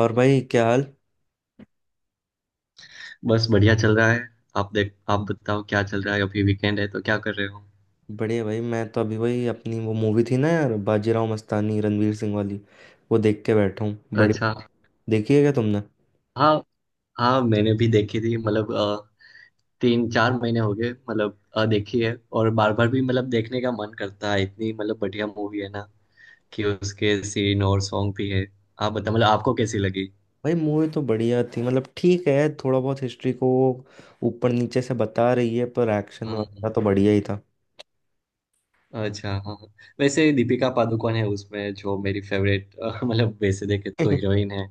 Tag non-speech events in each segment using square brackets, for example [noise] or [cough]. और भाई, क्या हाल? बस बढ़िया चल रहा है। आप बताओ क्या चल रहा है? अभी वीकेंड है तो क्या कर रहे हो? बढ़िया भाई। मैं तो अभी भाई अपनी वो मूवी थी ना यार, बाजीराव मस्तानी, रणवीर सिंह वाली, वो देख के बैठा हूँ। अच्छा। बढ़िया। देखी है क्या तुमने? हाँ हाँ, मैंने भी देखी थी मतलब तीन चार महीने हो गए मतलब देखी है। और बार बार भी मतलब देखने का मन करता है, इतनी मतलब बढ़िया मूवी है ना कि उसके सीन और सॉन्ग भी है। आप बताओ मतलब आपको कैसी लगी? भाई मूवी तो बढ़िया थी, मतलब ठीक है। थोड़ा बहुत हिस्ट्री को ऊपर नीचे से बता रही है, पर एक्शन वगैरह हाँ। तो बढ़िया ही था। अच्छा हाँ हाँ। वैसे दीपिका पादुकोण है उसमें, जो मेरी फेवरेट [laughs] मतलब वैसे देखे तो [laughs] हीरोइन है।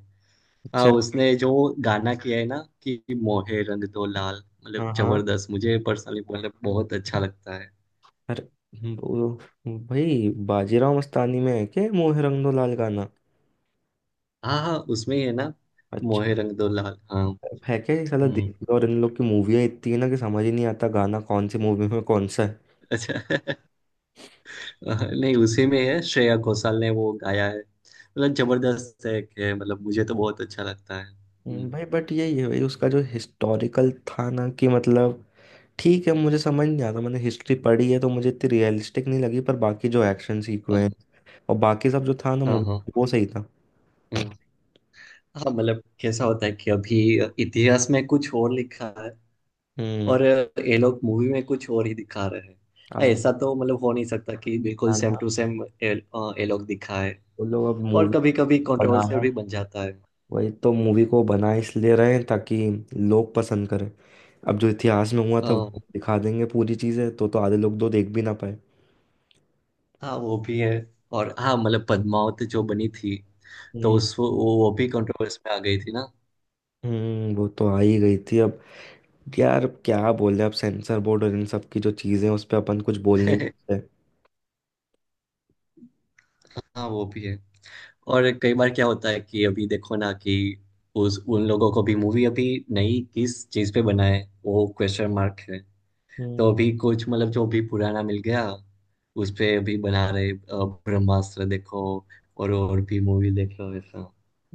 हाँ, अच्छा। उसने जो गाना किया है ना कि मोहे रंग दो लाल, मतलब हाँ हाँ। जबरदस्त। मुझे पर्सनली मतलब बहुत अच्छा लगता है। अरे भाई बाजीराव मस्तानी में है क्या ये मोहे रंग दो लाल गाना? हाँ हाँ, उसमें ही है ना। अच्छा। मोहे रंग दो लाल, हाँ। है क्या ये साला, हम्म। दीपिका और इन लोग की मूवियाँ इतनी है ना कि समझ ही नहीं आता गाना कौन सी मूवी में कौन सा है। अच्छा। [laughs] नहीं, उसी में है, श्रेया घोषाल ने वो गाया है, मतलब जबरदस्त है कि मतलब मुझे तो बहुत अच्छा लगता है। भाई बट यही है भाई, उसका जो हिस्टोरिकल था ना, कि मतलब ठीक है, मुझे समझ नहीं आता। मैंने हिस्ट्री पढ़ी है तो मुझे इतनी रियलिस्टिक नहीं लगी, पर बाकी जो एक्शन सीक्वेंस हाँ और बाकी सब जो था ना हाँ मूवी, हाँ। वो सही था। हम्म, हाँ मतलब कैसा होता है कि अभी इतिहास में कुछ और लिखा है और हम्म। ये लोग मूवी में कुछ और ही दिखा रहे हैं। अब हाँ, वो ऐसा तो मतलब हो नहीं सकता कि बिल्कुल सेम बनाना- टू सेम ये ये लोग दिखाए। वो लोग अब और मूवी कभी कभी कंट्रोवर्सियल बनाना, भी बन जाता है। वही तो मूवी को बना इसलिए रहे हैं ताकि लोग पसंद करें। अब जो इतिहास में हुआ था अ, वो दिखा देंगे पूरी चीजें, तो आधे लोग तो देख भी ना पाए। हाँ वो भी है। और हाँ मतलब पद्मावत जो बनी थी तो हम्म। वो भी कंट्रोवर्स में आ गई थी ना। वो तो आ ही गई थी। अब यार क्या बोले, अब सेंसर बोर्ड और इन सब की जो चीजें हैं, उस पे अपन कुछ बोल नहीं [laughs] सकते। हाँ वो भी है। और कई बार क्या होता है कि अभी देखो ना कि उस उन लोगों को भी मूवी अभी नई किस चीज पे बनाए वो क्वेश्चन मार्क है। तो हम्म। अभी कुछ मतलब जो भी पुराना मिल गया उस पे अभी बना रहे, ब्रह्मास्त्र देखो और भी मूवी देख लो ऐसा।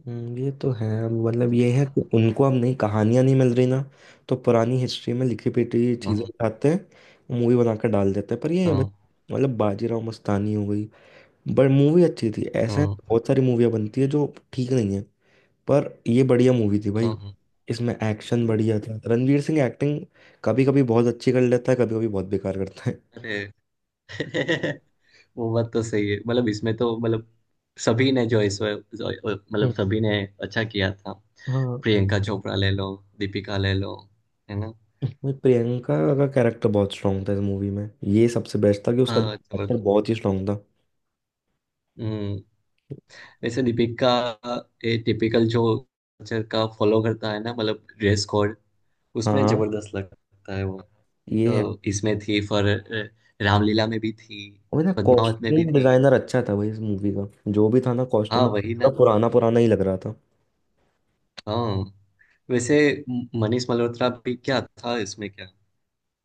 ये तो है, मतलब ये है कि उनको अब नई कहानियां नहीं मिल रही ना, तो पुरानी हिस्ट्री में लिखी पिटी चीजें हाँ उठाते हैं, मूवी बनाकर डाल देते हैं। पर ये है भाई, हाँ मतलब बाजीराव मस्तानी हो गई, बट मूवी अच्छी थी। ऐसे हाँ बहुत सारी मूवियाँ बनती है जो ठीक नहीं है, पर ये बढ़िया मूवी थी भाई। हाँ हाँ। इसमें एक्शन बढ़िया था। रणवीर सिंह एक्टिंग कभी कभी बहुत अच्छी कर लेता है, कभी कभी बहुत बेकार करता है। अरे। [laughs] वो बात तो सही है, मतलब इसमें तो मतलब सभी ने जो इस हम्म, मतलब सभी ने अच्छा किया था। हाँ। प्रियंका चोपड़ा ले लो, दीपिका ले लो, है ना। नहीं, प्रियंका का कैरेक्टर बहुत स्ट्रांग था इस मूवी में। ये सबसे बेस्ट था कि उसका जो हाँ कैरेक्टर जबरदस्त। बहुत ही स्ट्रांग था। हम्म। वैसे दीपिका ये टिपिकल जो कल्चर का फॉलो करता है ना, मतलब ड्रेस कोड, हाँ उसमें हाँ, जबरदस्त लगता है वो। ये है। अ, इसमें थी फॉर, रामलीला में भी थी, और ना, पद्मावत में भी कॉस्ट्यूम थी। डिजाइनर अच्छा था भाई इस मूवी का, जो भी था ना हाँ कॉस्ट्यूम, वही ना। पुराना पुराना ही लग रहा था। हाँ, वैसे मनीष मल्होत्रा भी क्या था इसमें, क्या?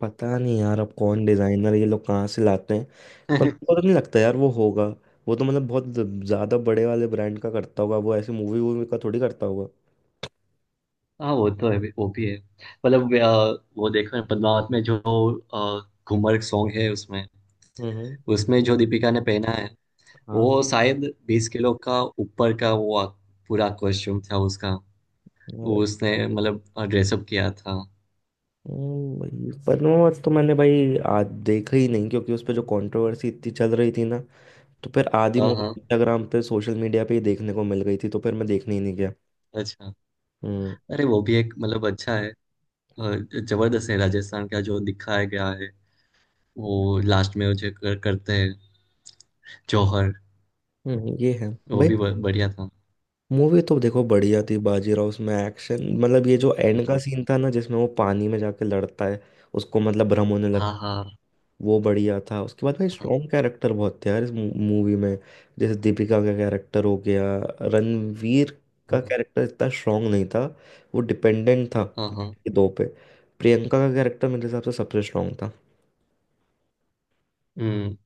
पता नहीं यार, अब कौन डिजाइनर ये लोग कहाँ से लाते हैं, पर मुझे पता [laughs] नहीं लगता यार वो होगा। वो तो मतलब बहुत ज्यादा बड़े वाले ब्रांड का करता होगा, वो ऐसे मूवी वूवी का थोड़ी करता होगा। हाँ वो तो है, वो भी है। मतलब वो देखो ना, पद्मावत में जो अ, घूमर सॉन्ग है उसमें, हम्म। उसमें जो दीपिका ने पहना है वो हाँ शायद 20 किलो का ऊपर का वो पूरा कॉस्ट्यूम था उसका। यार। वो उसने मतलब ड्रेसअप किया था। भाई पद्मावत तो मैंने भाई आज देखा ही नहीं, क्योंकि उस पे जो कंट्रोवर्सी इतनी चल रही थी ना, तो फिर आधी हाँ मूवी हाँ। इंस्टाग्राम पे, सोशल मीडिया पे ही देखने को मिल गई थी, तो फिर मैं देखने ही नहीं गया। अच्छा। हम्म। अरे वो भी एक मतलब अच्छा है। अ, जबरदस्त है, राजस्थान का जो दिखाया गया है वो लास्ट में वो जो करते हैं, जौहर। ये है वो भाई। भी बढ़िया था। मूवी तो देखो बढ़िया थी बाजीराव। उसमें एक्शन, मतलब ये जो एंड का हाँ सीन था ना, जिसमें वो पानी में जाके लड़ता है, उसको मतलब भ्रम होने हाँ लगता है, हाँ वो बढ़िया था। उसके बाद भाई हाँ स्ट्रॉन्ग कैरेक्टर बहुत थे यार इस मूवी में। जैसे दीपिका का कैरेक्टर हो गया। रणवीर का हाँ। कैरेक्टर इतना स्ट्रांग नहीं था, वो डिपेंडेंट था हाँ, हाँ। ये दो पे। प्रियंका का कैरेक्टर मेरे हिसाब से सबसे स्ट्रांग था, हम्म।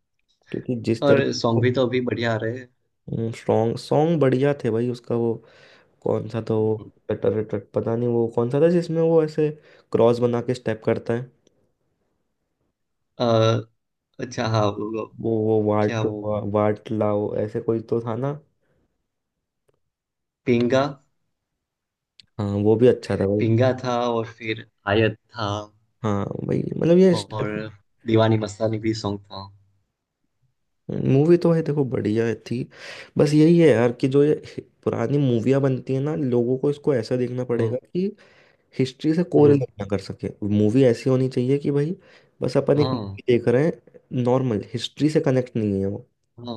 क्योंकि जिस तरीके। और सॉन्ग भी तो अभी बढ़िया आ रहे हैं। स्ट्रांग सॉन्ग बढ़िया थे भाई, उसका वो कौन सा था वो, हम्म। टटर टट, पता नहीं वो कौन सा था जिसमें वो ऐसे क्रॉस बना के स्टेप करता है। अ, अच्छा हाँ, वो क्या, वाट वो वाट लाओ, ऐसे कोई तो था ना। पिंगा? हाँ वो भी अच्छा था भाई। पिंगा था, और फिर आयत था, हाँ भाई, मतलब ये और दीवानी मस्तानी भी सॉन्ग था। मूवी तो है देखो बढ़िया थी। बस यही है यार कि जो ये पुरानी मूवियाँ बनती है ना, लोगों को इसको ऐसा देखना हाँ। पड़ेगा कि हिस्ट्री से हम्म, कोरिलेट ना कर सके। मूवी ऐसी होनी चाहिए कि भाई बस अपन एक हाँ मूवी देख रहे हैं, नॉर्मल, हिस्ट्री से कनेक्ट नहीं है वो, हाँ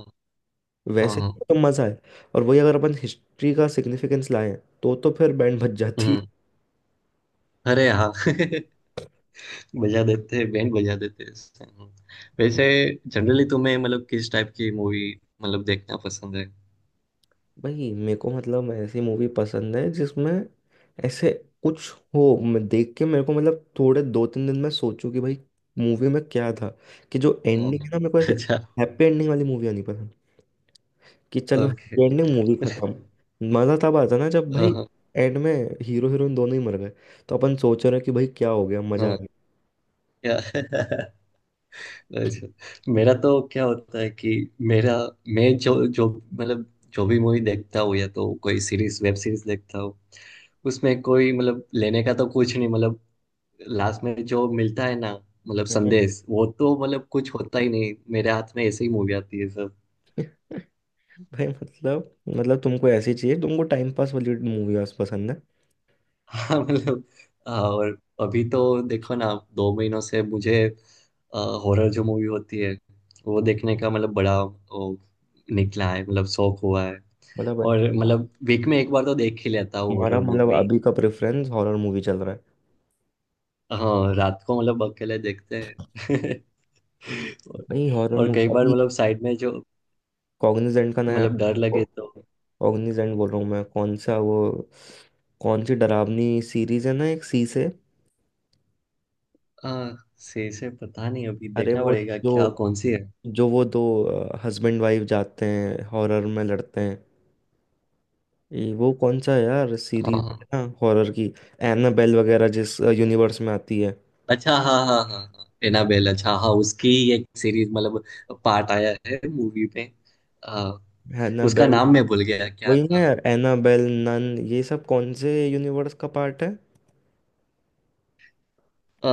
हाँ वैसे हाँ। तो मज़ा है। और वही अगर अपन हिस्ट्री का सिग्निफिकेंस लाएं तो फिर बैंड बज जाती। हम्म। अरे हाँ [laughs] बजा देते हैं, बैंड बजा देते हैं इससे, वैसे जनरली तुम्हें मतलब किस टाइप की मूवी मतलब देखना पसंद है? भाई मेरे को मतलब ऐसी मूवी पसंद है जिसमें ऐसे कुछ हो, मैं देख के मेरे को मतलब थोड़े दो तीन दिन में सोचूं कि भाई मूवी में क्या था। कि जो एंडिंग हाँ। है ना, मेरे को ऐसे अच्छा। हैप्पी एंडिंग वाली मूवी आनी पसंद, कि चलो ओके। हैप्पी एंडिंग, मूवी [laughs] खत्म। मज़ा तब आता ना जब भाई हाँ एंड में हीरो हीरोइन दोनों ही मर गए, तो अपन सोच रहे हैं कि भाई क्या हो गया, मज़ा आ हाँ, गया। या [laughs] अच्छा। मेरा तो क्या होता है कि मेरा, मैं जो जो मतलब जो भी मूवी देखता हूँ, या तो कोई सीरीज, वेब सीरीज देखता हूँ, उसमें कोई मतलब लेने का तो कुछ नहीं, मतलब लास्ट में जो मिलता है ना, मतलब हम्म। संदेश, वो तो मतलब कुछ होता ही नहीं, मेरे हाथ में ऐसे ही मूवी आती है सब। [laughs] भाई मतलब, तुमको ऐसी चाहिए, तुमको टाइम पास वाली मूवी पसंद है। [laughs] हाँ मतलब। हाँ, और अभी तो देखो ना, 2 महीनों से मुझे हॉरर जो मूवी होती है वो देखने का मतलब बड़ा वो, निकला है, मतलब शौक हुआ है। मतलब और अच्छा, मतलब वीक में एक बार तो देख ही लेता हूँ तुम्हारा हॉरर मतलब मूवी। अभी का प्रेफरेंस हॉरर मूवी चल रहा है। हाँ, रात को मतलब अकेले देखते हैं। [laughs] और, नहीं, हॉरर और कई मूवी बार अभी मतलब साइड में जो कॉग्निजेंट का नया, मतलब डर लगे तो। कॉग्निजेंट बोल रहा हूँ मैं, कौन सा वो, कौन सी डरावनी सीरीज है ना एक सी से? हाँ सही से पता नहीं, अभी अरे देखना वो, पड़ेगा जो, क्या कौन सी है। जो वो दो हस्बैंड वाइफ जाते हैं हॉरर में, लड़ते हैं, ये वो कौन सा है यार, सीरीज है हाँ ना हॉरर की, एनाबेल वगैरह जिस यूनिवर्स में आती है। अच्छा हाँ हाँ हाँ हाँ, एनाबेल। अच्छा हाँ, उसकी एक सीरीज मतलब पार्ट आया है मूवी में। हाँ, उसका एनाबेल, नाम मैं भूल गया क्या वही ना था। यार एनाबेल, नन ये सब कौन से यूनिवर्स का पार्ट है। अ,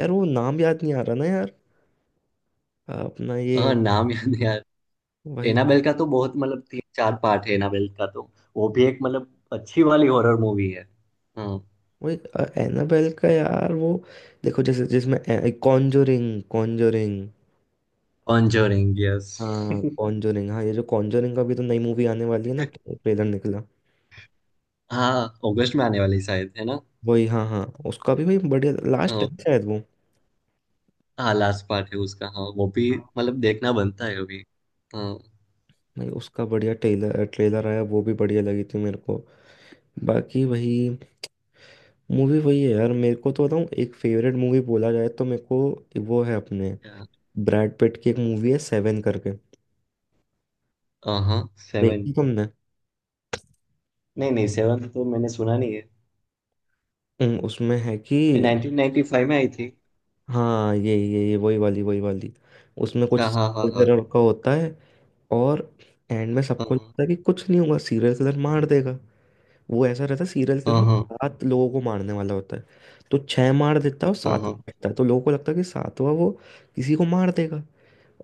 यार वो नाम याद नहीं आ रहा ना यार। अपना हाँ, ये नाम याद नहीं आ। वही एनाबेल का तो बहुत मतलब तीन चार पार्ट है एनाबेल का तो। वो भी एक मतलब अच्छी वाली हॉरर मूवी है। हाँ। वही एनाबेल का यार वो, देखो जैसे जिसमें कॉन्जोरिंग, कॉन्जोरिंग, कॉन्जरिंग, यस। हाँ [laughs] कॉन्जोरिंग। हाँ, ये जो कॉन्जोरिंग का भी तो नई मूवी आने वाली है ना, ट्रेलर निकला। हाँ, अगस्त में आने वाली शायद है ना? वही, हाँ हाँ, उसका भी भाई बढ़िया लास्ट है हाँ शायद वो। हाँ, लास्ट पार्ट है उसका। हाँ वो भी हाँ। मतलब देखना बनता है अभी। हाँ। भाई उसका बढ़िया ट्रेलर, ट्रेलर आया, वो भी बढ़िया लगी थी मेरे को। बाकी वही मूवी वही है यार, मेरे को तो बताऊँ एक फेवरेट मूवी बोला जाए तो मेरे को वो है अपने क्या- ब्रैड पिट की एक मूवी है, सेवन करके। हाँ हाँ, सेवन। देखी तुमने? नहीं नहीं, सेवन तो मैंने सुना नहीं है। उसमें है कि, 1995 में आई थी। हाँ यही यही वही वाली, वही वाली, उसमें कुछ अच्छा हाँ हाँ serial हाँ killer का होता है। और एंड में सबको लगता है कि कुछ नहीं होगा, सीरियल किलर मार देगा। वो ऐसा रहता है सीरियल हाँ हाँ किलर, हाँ सात लोगों को मारने वाला होता है। तो छह मार देता है और हाँ सात हाँ बचता है, तो लोगों को लगता है कि सातवां वो किसी को मार देगा,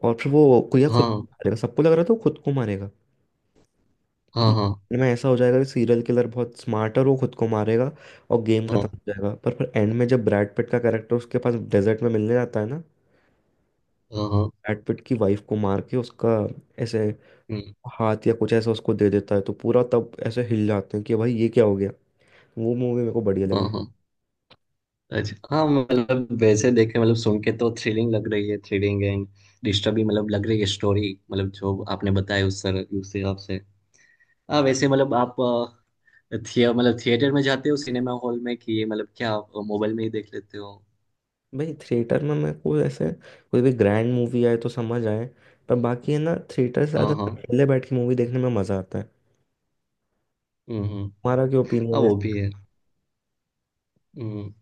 और फिर वो या खुद को मारेगा। सबको लग रहा था वो खुद को मारेगा हाँ हाँ कि हाँ हाँ हाँ end में ऐसा हो जाएगा, कि सीरियल किलर बहुत स्मार्ट है और वो खुद को मारेगा और गेम खत्म हो जाएगा। पर फिर एंड में जब ब्रैड पिट का कैरेक्टर उसके पास डेजर्ट में मिलने जाता है ना, हाँ हाँ ब्रैड पिट की वाइफ को मार के उसका ऐसे हाथ या कुछ ऐसा उसको दे देता है, तो पूरा तब ऐसे हिल जाते हैं कि भाई ये क्या हो गया। वो मूवी मेरे को बढ़िया हाँ, हाँ, लगी। हाँ। अच्छा हाँ मतलब वैसे देखे मतलब सुन के तो थ्रिलिंग लग रही है, थ्रिलिंग एंड डिस्टर्बिंग मतलब लग रही है स्टोरी मतलब, जो आपने बताया उस सर उस हिसाब से। हाँ वैसे मतलब आप थिए मतलब थिएटर में जाते हो, सिनेमा हॉल में, कि ये मतलब क्या आप मोबाइल में ही देख लेते हो? भाई थिएटर में मेरे को ऐसे कोई भी ग्रैंड मूवी आए तो समझ आए, पर बाकी है ना थिएटर से ज़्यादा हाँ हाँ। अकेले बैठ के मूवी देखने में मज़ा आता है। हम्म हम्म। तुम्हारा क्या हाँ ओपिनियन है? वो भी है। हम्म।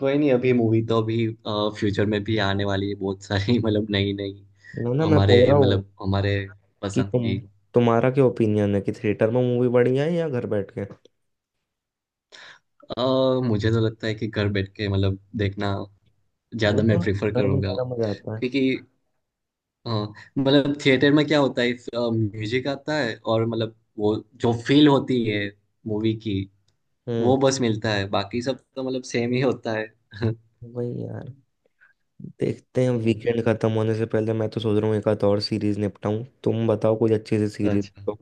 कोई नहीं, अभी मूवी तो अभी फ्यूचर में भी आने वाली है बहुत सारी [laughs] मतलब नई नई, ना ना, मैं हमारे बोल रहा हूँ मतलब हमारे कि पसंद तुम, की। तुम्हारा क्या ओपिनियन है कि थिएटर में मूवी बढ़िया है या घर बैठ के? अ, मुझे तो लगता है कि घर बैठ के मतलब देखना वो ज्यादा मैं तो प्रेफर घर में करूंगा। ज़्यादा मज़ा आता है। क्योंकि अ, मतलब थिएटर में क्या होता है, म्यूजिक आता है और मतलब वो जो फील होती है मूवी की, वो हम्म। बस मिलता है, बाकी सब तो मतलब सेम ही होता है। [laughs] वही यार, देखते हैं, हम्म, वीकेंड खत्म होने से पहले मैं तो सोच रहा हूँ एक आध और सीरीज निपटाऊं, तुम बताओ कोई अच्छी सी सीरीज अच्छा। तो।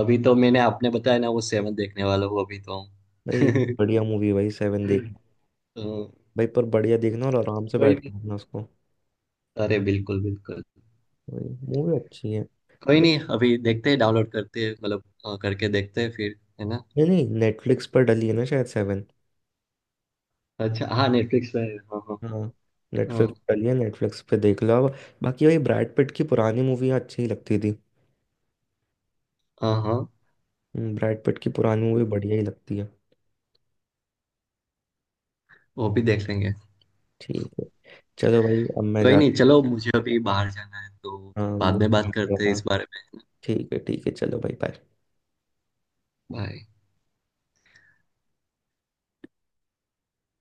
अभी तो मैंने, आपने बताया ना वो सेवन, देखने वाला हूँ अभी तो। भाई [laughs] बढ़िया मूवी भाई, सेवन देख तो भाई, पर बढ़िया देखना और आराम से कोई बैठ नहीं। के देखना उसको, अरे बिल्कुल बिल्कुल। भाई मूवी अच्छी है। कोई नहीं नहीं, अभी देखते हैं, डाउनलोड करते हैं मतलब करके देखते हैं फिर है ना। नहीं, नेटफ्लिक्स पर डली है ना शायद सेवन। अच्छा हाँ, नेटफ्लिक्स पे है, हाँ हाँ हाँ, हाँ नेटफ्लिक्स पर डली है, नेटफ्लिक्स पे देख लो अब। बाकी भाई ब्रैड पिट की पुरानी मूवियाँ अच्छी ही लगती थी। हाँ हाँ। ब्रैड पिट की पुरानी मूवी बढ़िया ही लगती है। वो भी देख लेंगे। ठीक है, चलो भाई, अब मैं कोई नहीं जाता चलो, मुझे अभी बाहर जाना है तो हूँ। हाँ, बाद वो में मैं बात कर रहा करते हैं था। इस बारे में। ठीक है ठीक है, चलो भाई, bye। बाय।